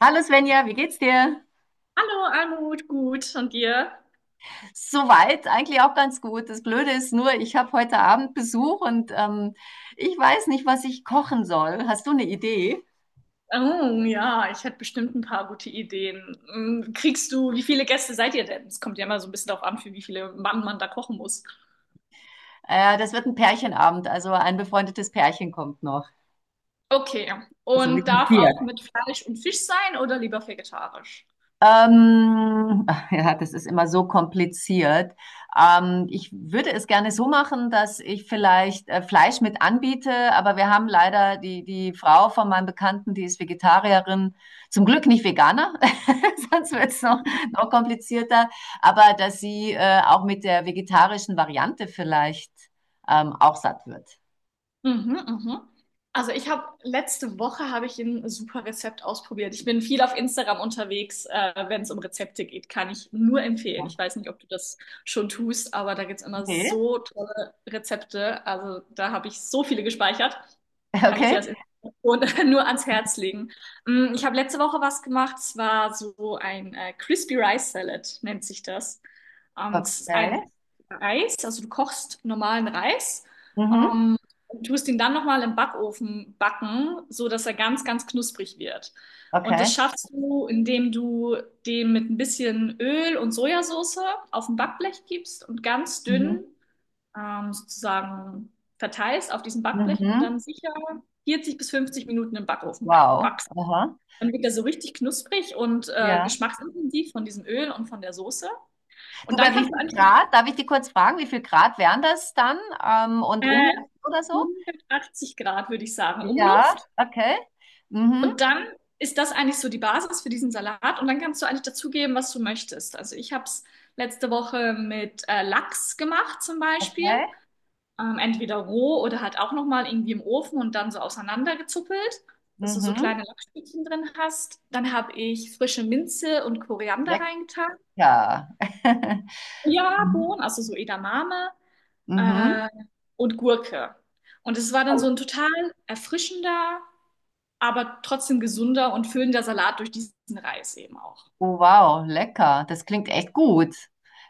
Hallo Svenja, wie geht's dir? Hallo, Almut, gut. Und dir? Soweit eigentlich auch ganz gut. Das Blöde ist nur, ich habe heute Abend Besuch und ich weiß nicht, was ich kochen soll. Hast du eine Idee? Oh, ja, ich hätte bestimmt ein paar gute Ideen. Wie viele Gäste seid ihr denn? Es kommt ja immer so ein bisschen darauf an, für wie viele Mann man da kochen muss. Das wird ein Pärchenabend, also ein befreundetes Pärchen kommt noch. Okay, Also wir und sind darf vier. auch mit Fleisch und Fisch sein oder lieber vegetarisch? Ähm, ja, das ist immer so kompliziert. Ich würde es gerne so machen, dass ich vielleicht Fleisch mit anbiete, aber wir haben leider die Frau von meinem Bekannten, die ist Vegetarierin, zum Glück nicht Veganer, sonst wird es noch, noch komplizierter, aber dass sie auch mit der vegetarischen Variante vielleicht auch satt wird. Mhm, mhm. Also ich habe letzte Woche habe ich ein super Rezept ausprobiert. Ich bin viel auf Instagram unterwegs, wenn es um Rezepte geht, kann ich nur empfehlen. Ich weiß nicht, ob du das schon tust, aber da gibt's immer Okay. so tolle Rezepte. Also da habe ich so viele gespeichert. Kann ich dir Okay. als Inspiration nur ans Herz legen. Ich habe letzte Woche was gemacht. Es war so ein Crispy Rice Salad, nennt sich das. Es ist eigentlich Okay. Reis, also du kochst normalen Reis. Mhm. Ähm, und tust ihn dann nochmal im Backofen backen, so dass er ganz, ganz knusprig wird. Und das Okay. schaffst du, indem du dem mit ein bisschen Öl und Sojasauce auf ein Backblech gibst und ganz dünn Mhm. Sozusagen verteilst auf diesem Backblech und dann Mhm. sicher 40 bis 50 Minuten im Backofen Wow. backst. Aha. Dann wird er so richtig knusprig und Ja. geschmacksintensiv von diesem Öl und von der Soße. Du, Und dann bei wie kannst du viel eigentlich. Grad? Darf ich dich kurz fragen, wie viel Grad wären das dann? Und äh, Umluft oder so? 180 Grad, würde ich sagen, Ja, Umluft. okay. Mhm, Und dann ist das eigentlich so die Basis für diesen Salat. Und dann kannst du eigentlich dazugeben, was du möchtest. Also ich habe es letzte Woche mit Lachs gemacht zum Beispiel. okay. Entweder roh oder halt auch nochmal irgendwie im Ofen und dann so auseinandergezuppelt, dass du so Mhm. kleine Lachsstückchen drin hast. Dann habe ich frische Minze und Koriander reingetan. Lecker. Ja, Bohnen, Mhm. also so Edamame Mhm. äh, und Gurke. Und es war dann Oh, so ein total erfrischender, aber trotzdem gesunder und füllender Salat durch diesen Reis eben auch. wow, lecker. Das klingt echt gut.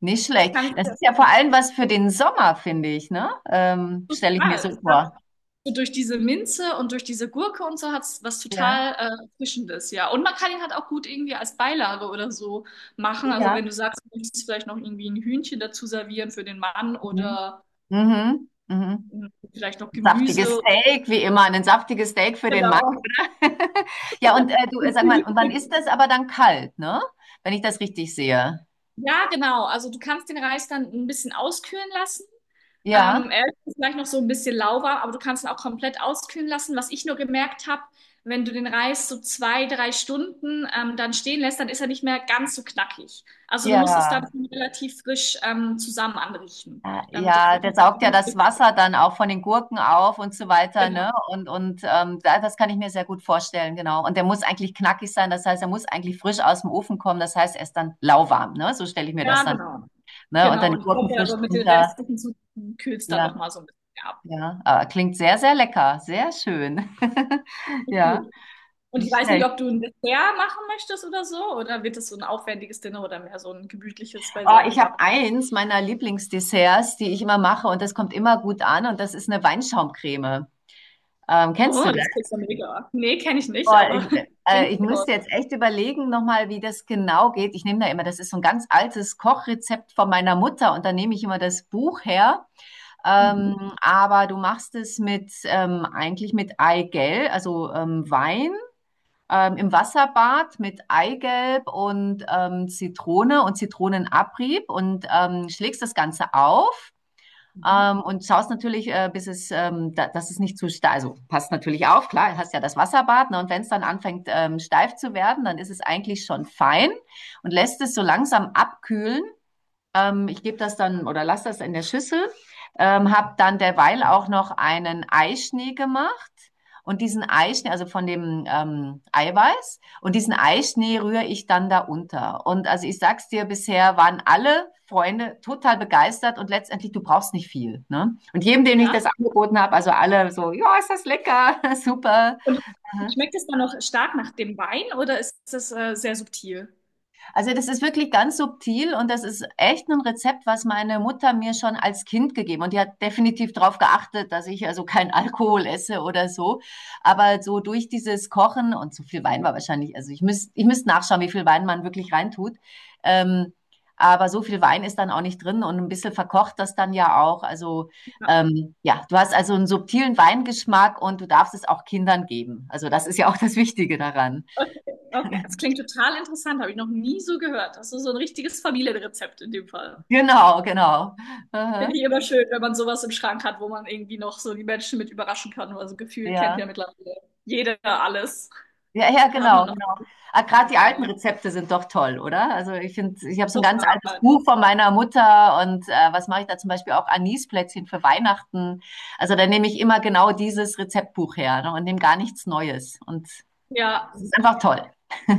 Nicht Das schlecht. kann ich Das sehr ist ja vor allem was für den Sommer, finde ich, ne? Stelle ich mir so total. Ich glaube, vor. so durch diese Minze und durch diese Gurke und so hat es was Ja, total Frischendes, ja. Und man kann ihn halt auch gut irgendwie als Beilage oder so machen. Also ja. wenn du sagst, du möchtest vielleicht noch irgendwie ein Hühnchen dazu servieren für den Mann Mhm. oder Mhm. Mhm. mh, vielleicht noch Saftiges Gemüse. Steak, wie immer. Ein saftiges Steak für den. Genau. Ja, und du, sag mal, und wann ist das aber dann kalt, ne? Wenn ich das richtig sehe. Ja, genau. Also du kannst den Reis dann ein bisschen auskühlen lassen. Ja, Er ist vielleicht noch so ein bisschen lauwarm, aber du kannst ihn auch komplett auskühlen lassen. Was ich nur gemerkt habe, wenn du den Reis so 2, 3 Stunden dann stehen lässt, dann ist er nicht mehr ganz so knackig. Also du musst es dann ja. schon relativ frisch zusammen anrichten, Ah, damit das ja, der wirklich saugt ja das Wasser dann auch von den Gurken auf und so weiter, genau. ne? Und das kann ich mir sehr gut vorstellen, genau. Und der muss eigentlich knackig sein, das heißt, er muss eigentlich frisch aus dem Ofen kommen, das heißt, er ist dann lauwarm, ne? So stelle ich mir das Ja, dann, genau. ne? Und dann Genau. die Und ich Gurken glaube, frisch aber mit den drunter. restlichen Zutaten kühlt es dann Ja, noch mal so ein bisschen ab. ja. Ah, klingt sehr, sehr lecker, sehr schön. Ist Ja, gut. Und ich nicht weiß nicht, schlecht. ob du ein Dessert machen möchtest oder so, oder wird es so ein aufwendiges Dinner oder mehr so ein gemütliches Oh, Beisammen? ich habe eins meiner Lieblingsdesserts, die ich immer mache und das kommt immer gut an und das ist eine Weinschaumcreme. Kennst Oh, du das das? klingt ja mega. Nee, kenne ich nicht, Oh, aber klingt ich toll. müsste jetzt echt überlegen nochmal, wie das genau geht. Ich nehme da immer, das ist so ein ganz altes Kochrezept von meiner Mutter und da nehme ich immer das Buch her. Mhm. Aber du machst es mit eigentlich mit Eigelb, also Wein im Wasserbad mit Eigelb und Zitrone und Zitronenabrieb und schlägst das Ganze auf. Mhm. Und schaust natürlich, dass es nicht zu steif, also passt natürlich auf, klar, hast ja das Wasserbad, ne, und wenn es dann anfängt steif zu werden, dann ist es eigentlich schon fein und lässt es so langsam abkühlen. Ich gebe das dann oder lasse das in der Schüssel. Habe dann derweil auch noch einen Eischnee gemacht. Und diesen Eischnee, also von dem Eiweiß, und diesen Eischnee rühre ich dann da unter. Und also ich sag's dir, bisher waren alle Freunde total begeistert und letztendlich, du brauchst nicht viel. Ne? Und jedem, dem ich das Ja. angeboten habe, also alle so, ja, ist das lecker, super. Und schmeckt es dann noch stark nach dem Wein oder ist es sehr subtil? Also das ist wirklich ganz subtil und das ist echt ein Rezept, was meine Mutter mir schon als Kind gegeben und die hat definitiv darauf geachtet, dass ich also keinen Alkohol esse oder so. Aber so durch dieses Kochen und so viel Wein war wahrscheinlich, also ich müsst nachschauen, wie viel Wein man wirklich reintut. Ähm, aber so viel Wein ist dann auch nicht drin und ein bisschen verkocht das dann ja auch. Also Ja. Ja, du hast also einen subtilen Weingeschmack und du darfst es auch Kindern geben. Also das ist ja auch das Wichtige daran. Okay. Okay, das klingt total interessant, habe ich noch nie so gehört. Das ist so ein richtiges Familienrezept in dem Fall. Genau, genau. Finde Aha. ich immer schön, wenn man sowas im Schrank hat, wo man irgendwie noch so die Menschen mit überraschen kann. Also gefühlt kennt Ja. ja mittlerweile jeder alles. Ja, ja, Da hat genau, man noch genau. Ah, gerade die alten gerne. Rezepte sind doch toll, oder? Also ich finde, ich habe so ein ganz Total. altes Buch von meiner Mutter und was mache ich da zum Beispiel auch Anisplätzchen für Weihnachten. Also da nehme ich immer genau dieses Rezeptbuch her, ne, und nehme gar nichts Neues. Und es Ja. ist einfach toll.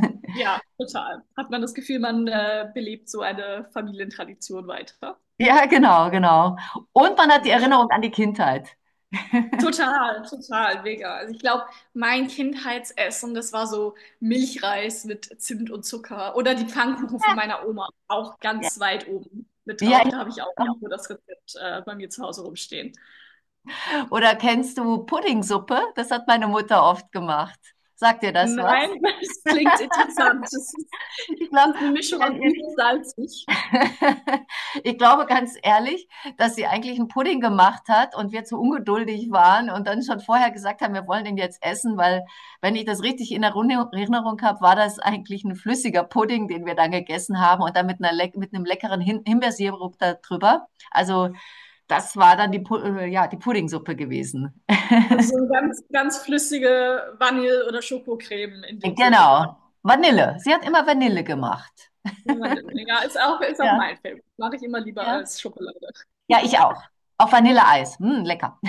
Ja, total. Hat man das Gefühl, man belebt so eine Familientradition weiter. Ja, genau, genau. Und man hat die Mega schön. Erinnerung an die Kindheit. Total, total, mega. Also ich glaube, mein Kindheitsessen, das war so Milchreis mit Zimt und Zucker oder die Pfannkuchen von meiner Oma, auch Ja, ganz weit oben mit ja. drauf. Da habe ich auch nur das Rezept bei mir zu Hause rumstehen. Oder kennst du Puddingsuppe? Das hat meine Mutter oft gemacht. Sagt dir das was? Nein, das klingt interessant. Das ist, das Ich glaube, ist eine Mischung aus wenn ihr süß nicht und salzig. ich glaube ganz ehrlich, dass sie eigentlich einen Pudding gemacht hat und wir zu ungeduldig waren und dann schon vorher gesagt haben: „Wir wollen den jetzt essen“, weil wenn ich das richtig in Erinnerung habe, war das eigentlich ein flüssiger Pudding, den wir dann gegessen haben und dann mit 'ner leck mit 'nem leckeren Himbeersirup da drüber. Also, das war dann die Pu ja, die Puddingsuppe gewesen. Also so eine ganz, ganz flüssige Vanille- oder Schokocreme in dem Sinne. Genau, Vanille. Sie hat immer Vanille gemacht. Ja, Mandeln. Ja, ist auch Ja, mein Film. Mache ich immer lieber ja. als Schokolade. Ja, ich auch. Auf Vanilleeis. Hm, lecker.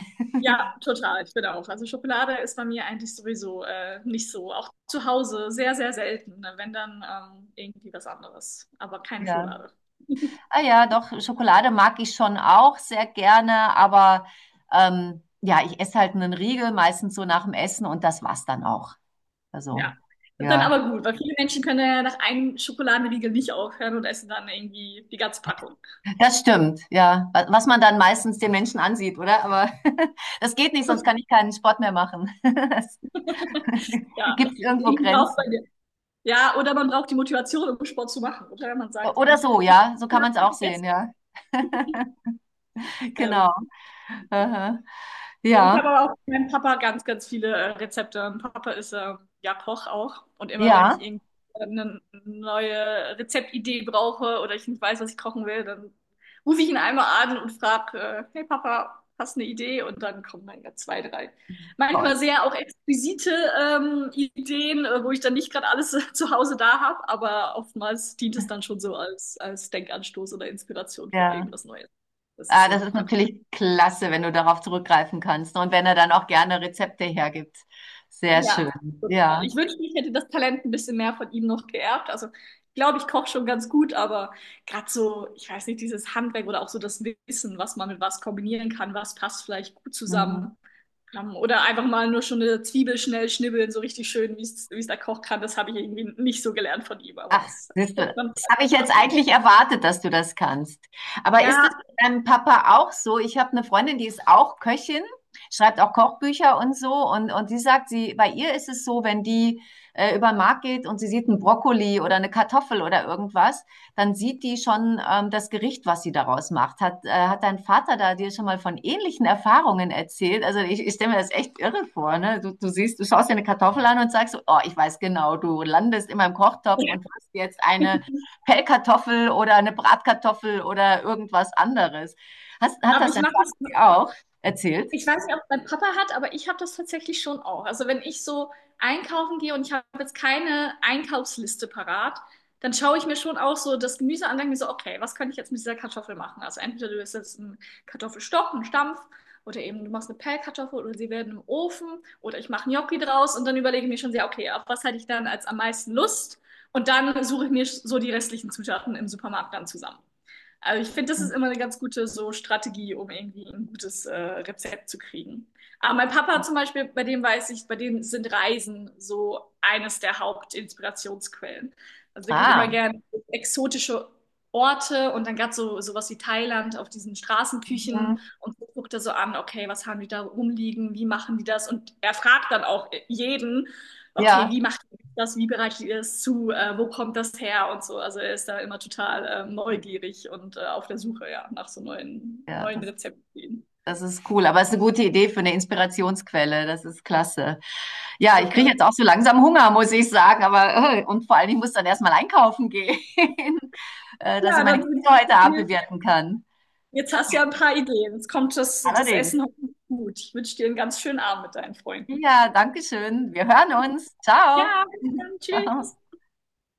Ja, total. Ich bin auch. Also Schokolade ist bei mir eigentlich sowieso nicht so. Auch zu Hause sehr, sehr selten. Ne? Wenn dann irgendwie was anderes. Aber keine Ja. Schokolade. Ah ja, doch, Schokolade mag ich schon auch sehr gerne, aber ja, ich esse halt einen Riegel, meistens so nach dem Essen und das war's dann auch. Also, Ja. Das ist dann ja, aber gut, weil viele Menschen können ja nach einem Schokoladenriegel nicht aufhören und essen dann irgendwie die ganze Packung. das stimmt, ja. Was man dann meistens den Menschen ansieht, oder? Aber das geht nicht, sonst kann ich keinen Sport mehr machen. Es Ja. gibt irgendwo Irgendwie braucht man Grenzen? den. Ja, oder man braucht die Motivation, um Sport zu machen. Oder man sagt, hey, Oder ich habe so, jetzt nicht ja, so kann man es auch sehen, gegessen. ja. Genau. Ähm, Aha. Ich habe Ja, aber auch von meinem Papa ganz, ganz viele Rezepte. Mein Papa ist ja Koch auch. Und immer wenn ich ja. irgendwie eine neue Rezeptidee brauche oder ich nicht weiß, was ich kochen will, dann rufe ich ihn einmal an und frage, hey Papa, hast du eine Idee? Und dann kommen dann ja zwei, drei. Toll. Manchmal sehr auch exquisite Ideen, wo ich dann nicht gerade alles zu Hause da habe, aber oftmals dient es dann schon so als Denkanstoß oder Inspiration für Ja. irgendwas Neues. Das ist Ah, sehr, das sehr ist praktisch. natürlich klasse, wenn du darauf zurückgreifen kannst und wenn er dann auch gerne Rezepte hergibt. Sehr Ja, schön. total. Ja. Ich wünschte, ich hätte das Talent ein bisschen mehr von ihm noch geerbt. Also, ich glaube, ich koche schon ganz gut, aber gerade so, ich weiß nicht, dieses Handwerk oder auch so das Wissen, was man mit was kombinieren kann, was passt vielleicht gut Mhm. zusammen. Oder einfach mal nur schon eine Zwiebel schnell schnibbeln, so richtig schön, wie es der Koch kann. Das habe ich irgendwie nicht so gelernt von ihm, aber Ach, das siehst du, könnte man das habe ich vielleicht jetzt nachholen. eigentlich erwartet, dass du das kannst. Aber ist das Ja, bei deinem Papa auch so? Ich habe eine Freundin, die ist auch Köchin, schreibt auch Kochbücher und so und die sagt, sie bei ihr ist es so, wenn die über den Markt geht und sie sieht einen Brokkoli oder eine Kartoffel oder irgendwas, dann sieht die schon das Gericht, was sie daraus macht. Hat dein Vater da dir schon mal von ähnlichen Erfahrungen erzählt? Also ich stelle mir das echt irre vor, ne? Du siehst, du schaust dir eine Kartoffel an und sagst, oh, ich weiß genau, du landest in meinem Kochtopf und hast jetzt eine Pellkartoffel oder eine Bratkartoffel oder irgendwas anderes. Hat aber das ich dein mache das. Vater dir auch erzählt? Ich weiß nicht, ob mein Papa hat, aber ich habe das tatsächlich schon auch. Also wenn ich so einkaufen gehe und ich habe jetzt keine Einkaufsliste parat, dann schaue ich mir schon auch so das Gemüse an und denke mir so, okay, was kann ich jetzt mit dieser Kartoffel machen? Also entweder du isst jetzt einen Kartoffelstock, einen Stampf oder eben du machst eine Pellkartoffel oder sie werden im Ofen oder ich mache Gnocchi draus und dann überlege ich mir schon sehr, okay, auf was hätte ich dann als am meisten Lust? Und dann suche ich mir so die restlichen Zutaten im Supermarkt dann zusammen. Aber ich finde, das ist immer eine ganz gute so Strategie, um irgendwie ein gutes Rezept zu kriegen. Aber mein Papa zum Beispiel, bei dem weiß ich, bei dem sind Reisen so eines der Hauptinspirationsquellen. Also der geht immer Ah, gerne in exotische Orte und dann gerade so sowas wie Thailand auf diesen mhm, Straßenküchen und so guckt er so an, okay, was haben die da rumliegen, wie machen die das? Und er fragt dann auch jeden, okay, ja, wie machen das, wie bereitet ihr es zu, wo kommt das her und so. Also er ist da immer total neugierig und auf der Suche ja, nach so neuen, ja, neuen das Rezepten. Das ist cool, aber es ist eine gute Idee für eine Inspirationsquelle. Das ist klasse. Ja, ich kriege Total. jetzt auch so langsam Hunger, muss ich sagen. Aber und vor allem, ich muss dann erstmal einkaufen gehen, dass ich Ja, meine dann wünsche Kinder heute ich Abend dir, bewirten kann. jetzt hast du ja ein paar Ideen. Jetzt kommt das Allerdings. Essen hoffentlich gut. Ich wünsche dir einen ganz schönen Abend mit deinen Freunden. Ja, danke schön. Wir hören uns. Ciao. Ja, bis dann. Ciao. Tschüss.